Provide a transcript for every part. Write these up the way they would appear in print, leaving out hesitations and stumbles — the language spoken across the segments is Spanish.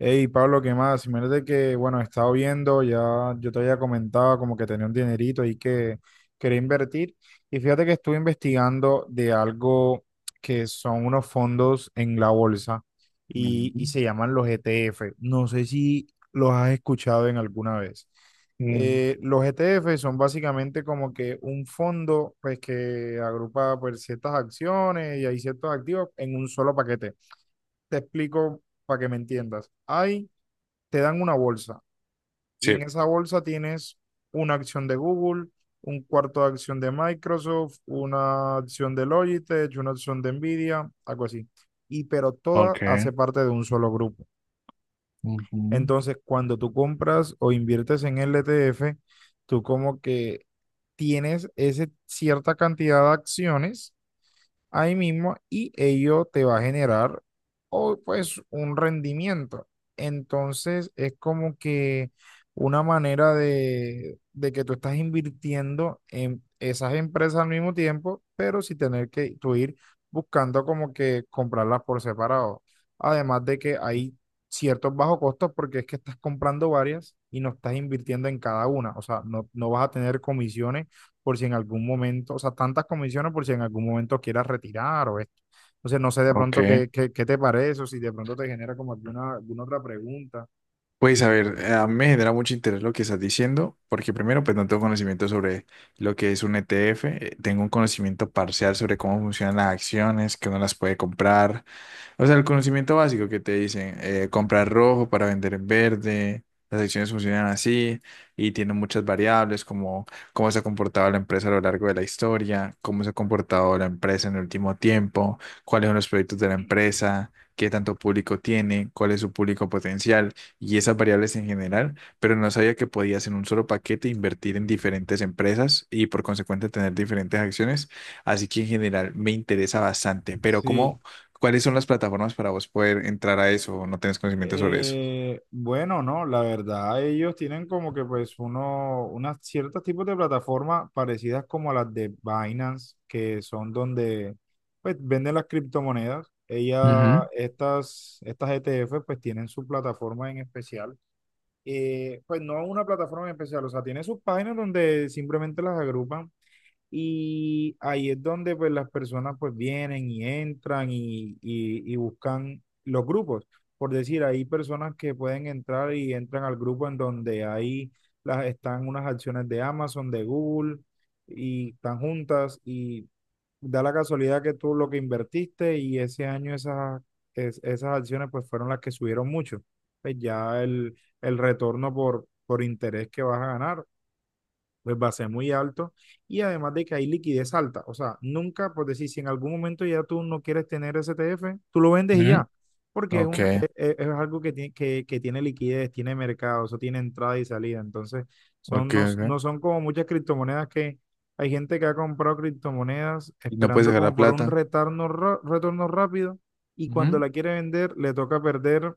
Hey, Pablo, ¿qué más? Imagínate que, he estado viendo, ya yo te había comentado como que tenía un dinerito ahí que quería invertir. Y fíjate que estuve investigando de algo que son unos fondos en la bolsa y, Ujú. y se llaman los ETF. No sé si los has escuchado en alguna vez. Mm. Los ETF son básicamente como que un fondo pues, que agrupa pues, ciertas acciones y hay ciertos activos en un solo paquete. Te explico para que me entiendas. Hay te dan una bolsa y Sí. en esa bolsa tienes una acción de Google, un cuarto de acción de Microsoft, una acción de Logitech, una acción de Nvidia, algo así. Y pero toda hace Ok. parte de un solo grupo. Ujú. Entonces, cuando tú compras o inviertes en el ETF, tú como que tienes esa cierta cantidad de acciones ahí mismo y ello te va a generar o, pues un rendimiento. Entonces es como que una manera de que tú estás invirtiendo en esas empresas al mismo tiempo, pero sin tener que tú ir buscando como que comprarlas por separado. Además de que hay ciertos bajos costos porque es que estás comprando varias y no estás invirtiendo en cada una. O sea, no vas a tener comisiones por si en algún momento, o sea, tantas comisiones por si en algún momento quieras retirar o esto. Entonces, no sé de Ok. pronto qué te parece o si de pronto te genera como alguna otra pregunta. Pues a ver, a mí me genera mucho interés lo que estás diciendo, porque primero, pues no tengo conocimiento sobre lo que es un ETF. Tengo un conocimiento parcial sobre cómo funcionan las acciones, que uno las puede comprar, o sea, el conocimiento básico que te dicen: comprar rojo para vender en verde. Las acciones funcionan así y tienen muchas variables, como cómo se ha comportado la empresa a lo largo de la historia, cómo se ha comportado la empresa en el último tiempo, cuáles son los proyectos de la empresa, qué tanto público tiene, cuál es su público potencial y esas variables en general. Pero no sabía que podías en un solo paquete invertir en diferentes empresas y por consecuente tener diferentes acciones. Así que en general me interesa bastante, pero Sí, ¿cómo, cuáles son las plataformas para vos poder entrar a eso o no tenés conocimiento sobre eso? Bueno, no, la verdad, ellos tienen como que pues uno, unas ciertos tipos de plataformas parecidas como a las de Binance, que son donde pues venden las criptomonedas. Ella, Ujú, estas ETF pues tienen su plataforma en especial, pues no una plataforma en especial, o sea, tiene sus páginas donde simplemente las agrupan y ahí es donde pues las personas pues vienen y entran y buscan los grupos. Por decir, hay personas que pueden entrar y entran al grupo en donde ahí las, están unas acciones de Amazon, de Google y están juntas y da la casualidad que tú lo que invertiste y ese año esas acciones pues fueron las que subieron mucho. Pues ya el retorno por interés que vas a ganar pues va a ser muy alto y además de que hay liquidez alta. O sea, nunca, por decir, si en algún momento ya tú no quieres tener STF, tú lo vendes y ujú. ya, porque es, Ok, un, es algo que tiene, tiene liquidez, tiene mercado, eso tiene entrada y salida. Entonces, son, ok, no ok. son como muchas criptomonedas que hay gente que ha comprado criptomonedas ¿Y no puedes esperando sacar la como por un plata? retorno rápido y cuando Ujú. la quiere vender le toca perder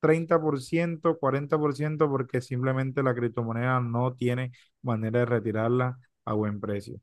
30% 40% porque simplemente la criptomoneda no tiene manera de retirarla a buen precio.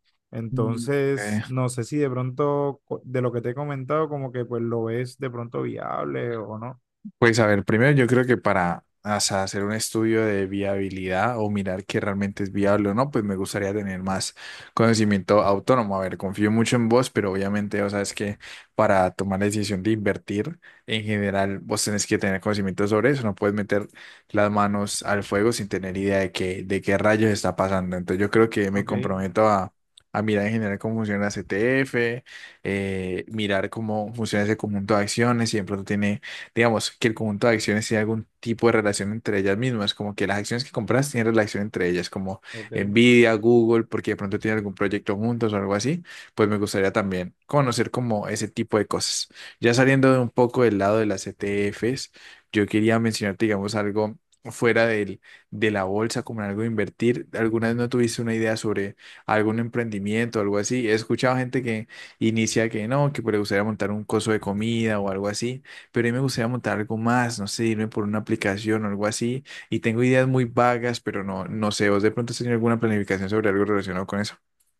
Mm. Entonces, Ok. no sé si de pronto de lo que te he comentado, como que pues lo ves de pronto viable o no. Pues a ver, primero yo creo que para, o sea, hacer un estudio de viabilidad o mirar que realmente es viable o no, pues me gustaría tener más conocimiento autónomo. A ver, confío mucho en vos, pero obviamente, o sea, es que para tomar la decisión de invertir, en general, vos tenés que tener conocimiento sobre eso. No puedes meter las manos al fuego sin tener idea de qué, rayos está pasando. Entonces yo creo que me Ok, comprometo a mirar en general cómo funciona la CTF, mirar cómo funciona ese conjunto de acciones, si de pronto tiene, digamos, que el conjunto de acciones tiene algún tipo de relación entre ellas mismas, como que las acciones que compras tienen relación entre ellas, como ok. Nvidia, Google, porque de pronto tienen algún proyecto juntos o algo así. Pues me gustaría también conocer como ese tipo de cosas. Ya saliendo de un poco del lado de las ETFs, yo quería mencionarte, digamos, algo fuera del, de la bolsa, como en algo de invertir. ¿Alguna vez no tuviste una idea sobre algún emprendimiento o algo así? He escuchado gente que inicia que no, que pues le gustaría montar un coso de comida o algo así, pero a mí me gustaría montar algo más, no sé, irme por una aplicación o algo así. Y tengo ideas muy vagas, pero no, no sé, ¿vos de pronto has tenido alguna planificación sobre algo relacionado con eso?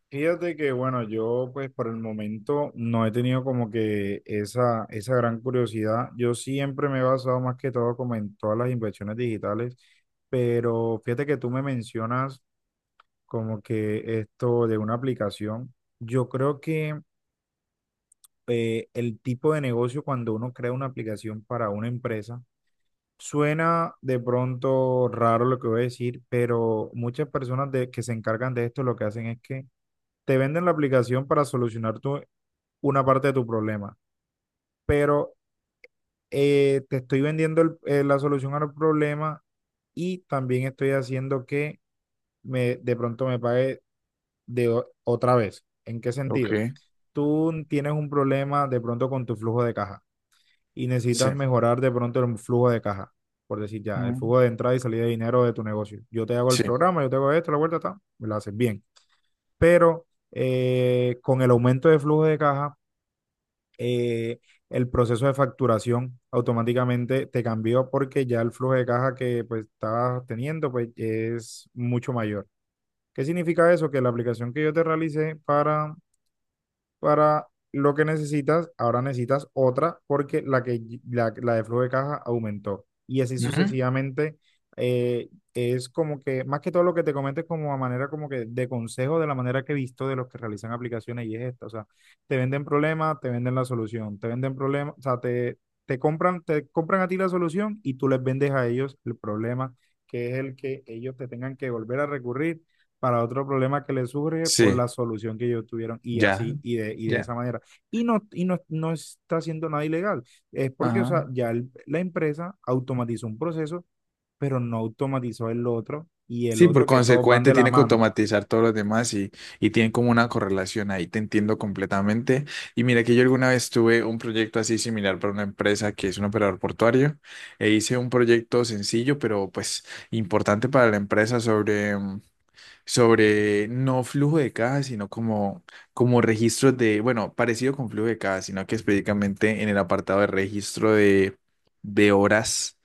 Fíjate que bueno, yo pues por el momento no he tenido como que esa gran curiosidad. Yo siempre me he basado más que todo como en todas las inversiones digitales, pero fíjate que tú me mencionas como que esto de una aplicación. Yo creo que el tipo de negocio cuando uno crea una aplicación para una empresa, suena de pronto raro lo que voy a decir, pero muchas personas que se encargan de esto lo que hacen es que te venden la aplicación para solucionar tu, una parte de tu problema, pero te estoy vendiendo la solución al problema y también estoy haciendo que me, de pronto me pague. De otra vez. ¿En qué Ok, sentido? Tú tienes un problema de pronto con tu flujo de caja y necesitas sí, mejorar de pronto el flujo de caja, por decir ya, el mm, flujo de entrada y salida de dinero de tu negocio. Yo te hago el sí, programa, yo te hago esto, la vuelta está, me lo haces bien. Pero con el aumento de flujo de caja, eh, el proceso de facturación automáticamente te cambió porque ya el flujo de caja que pues estabas teniendo pues es mucho mayor. ¿Qué significa eso? Que la aplicación que yo te realicé para lo que necesitas, ahora necesitas otra porque la de flujo de caja aumentó. Y así ujú, sucesivamente es como que, más que todo lo que te comento es como a manera como que de consejo de la manera que he visto de los que realizan aplicaciones y es esta, o sea, te venden problema, te venden la solución, te venden problema, o sea, te, te compran a ti la solución y tú les vendes a ellos el problema, que es el que ellos te tengan que volver a recurrir para otro problema que le surge por sí, la solución que ellos tuvieron y ya, así y de ya, esa manera. No está haciendo nada ilegal. Es porque, o sea, ajá. ya la empresa automatizó un proceso, pero no automatizó el otro y el Sí, por otro que todos van de consecuente la tiene que mano. automatizar todos los demás y tienen como una correlación ahí, te entiendo completamente. Y mira que yo alguna vez tuve un proyecto así similar para una empresa que es un operador portuario e hice un proyecto sencillo, pero pues importante para la empresa sobre sobre no flujo de caja, sino como, como registros de, bueno, parecido con flujo de caja, sino que específicamente en el apartado de registro de horas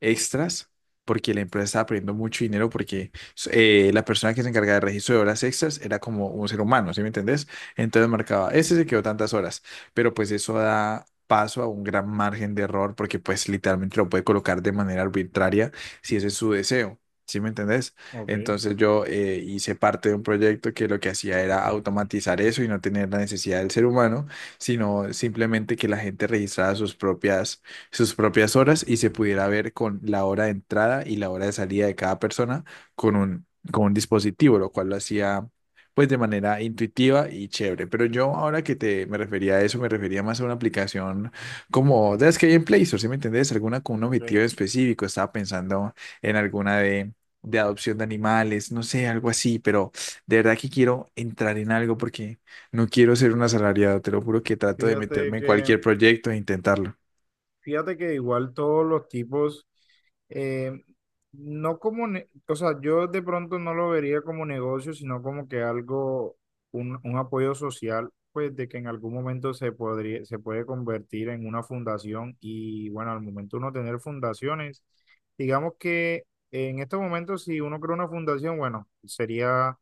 extras, porque la empresa estaba perdiendo mucho dinero porque la persona que se encargaba del registro de horas extras era como un ser humano, ¿sí me entendés? Entonces marcaba, ese se quedó tantas horas, pero pues eso da paso a un gran margen de error porque pues literalmente lo puede colocar de manera arbitraria si ese es su deseo, ¿sí me entendés? Ok, Entonces yo hice parte de un proyecto que lo que hacía era automatizar eso y no tener la necesidad del ser humano, sino simplemente que la gente registrara sus propias horas y se pudiera ver con la hora de entrada y la hora de salida de cada persona con un, con un dispositivo, lo cual lo hacía pues de manera intuitiva y chévere. Pero yo ahora que te me refería a eso, me refería más a una aplicación como de las que hay en Play Store, ¿sí me entendés? Alguna con un objetivo ok. específico, estaba pensando en alguna de adopción de animales, no sé, algo así, pero de verdad que quiero entrar en algo porque no quiero ser un asalariado, te lo juro que trato de Fíjate meterme en que cualquier proyecto e intentarlo. Fíjate que igual todos los tipos, eh, no como, o sea, yo de pronto no lo vería como negocio, sino como que algo, un apoyo social, pues de que en algún momento se podría, se puede convertir en una fundación y bueno, al momento uno tener fundaciones, digamos que en estos momentos si uno crea una fundación, bueno, sería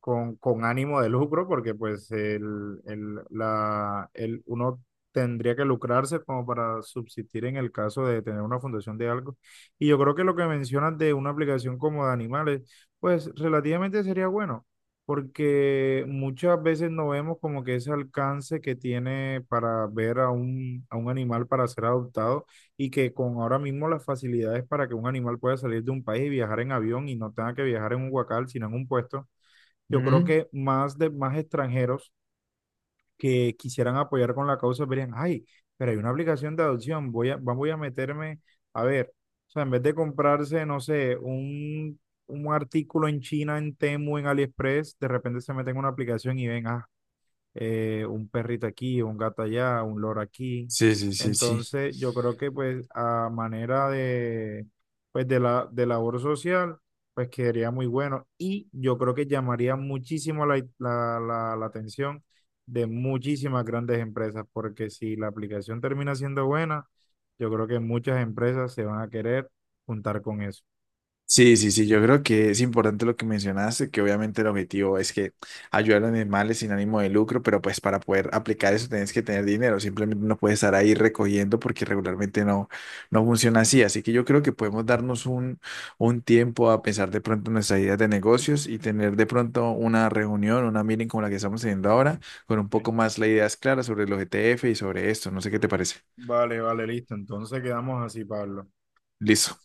con ánimo de lucro, porque pues uno tendría que lucrarse como para subsistir en el caso de tener una fundación de algo. Y yo creo que lo que mencionas de una aplicación como de animales, pues relativamente sería bueno, porque muchas veces no vemos como que ese alcance que tiene para ver a un animal para ser adoptado y que con ahora mismo las facilidades para que un animal pueda salir de un país y viajar en avión y no tenga que viajar en un huacal, sino en un puesto yo creo Ujú. que más de más extranjeros que quisieran apoyar con la causa verían, ay, pero hay una aplicación de adopción, voy a, voy a meterme, a ver, o sea, en vez de comprarse, no sé, un artículo en China, en Temu, en AliExpress, de repente se meten en una aplicación y ven, ah, un perrito aquí, un gato allá, un loro aquí. Sí, sí, sí. Sí. Entonces, yo creo que pues a manera de, pues, de labor social, pues quedaría muy bueno y yo creo que llamaría muchísimo la atención de muchísimas grandes empresas, porque si la aplicación termina siendo buena, yo creo que muchas empresas se van a querer juntar con eso. Sí, sí, sí, yo creo que es importante lo que mencionaste, que obviamente el objetivo es que ayudar a los animales sin ánimo de lucro, pero pues para poder aplicar eso tienes que tener dinero, simplemente no puedes estar ahí recogiendo porque regularmente no, no funciona así, así que yo creo que podemos darnos un, tiempo a pensar de pronto nuestras ideas de negocios y tener de pronto una reunión, una meeting como la que estamos teniendo ahora, con un poco ¿Ok? más las ideas claras sobre los ETF y sobre esto, no sé qué te parece. Vale, vale, listo. Entonces quedamos así, Pablo. Listo.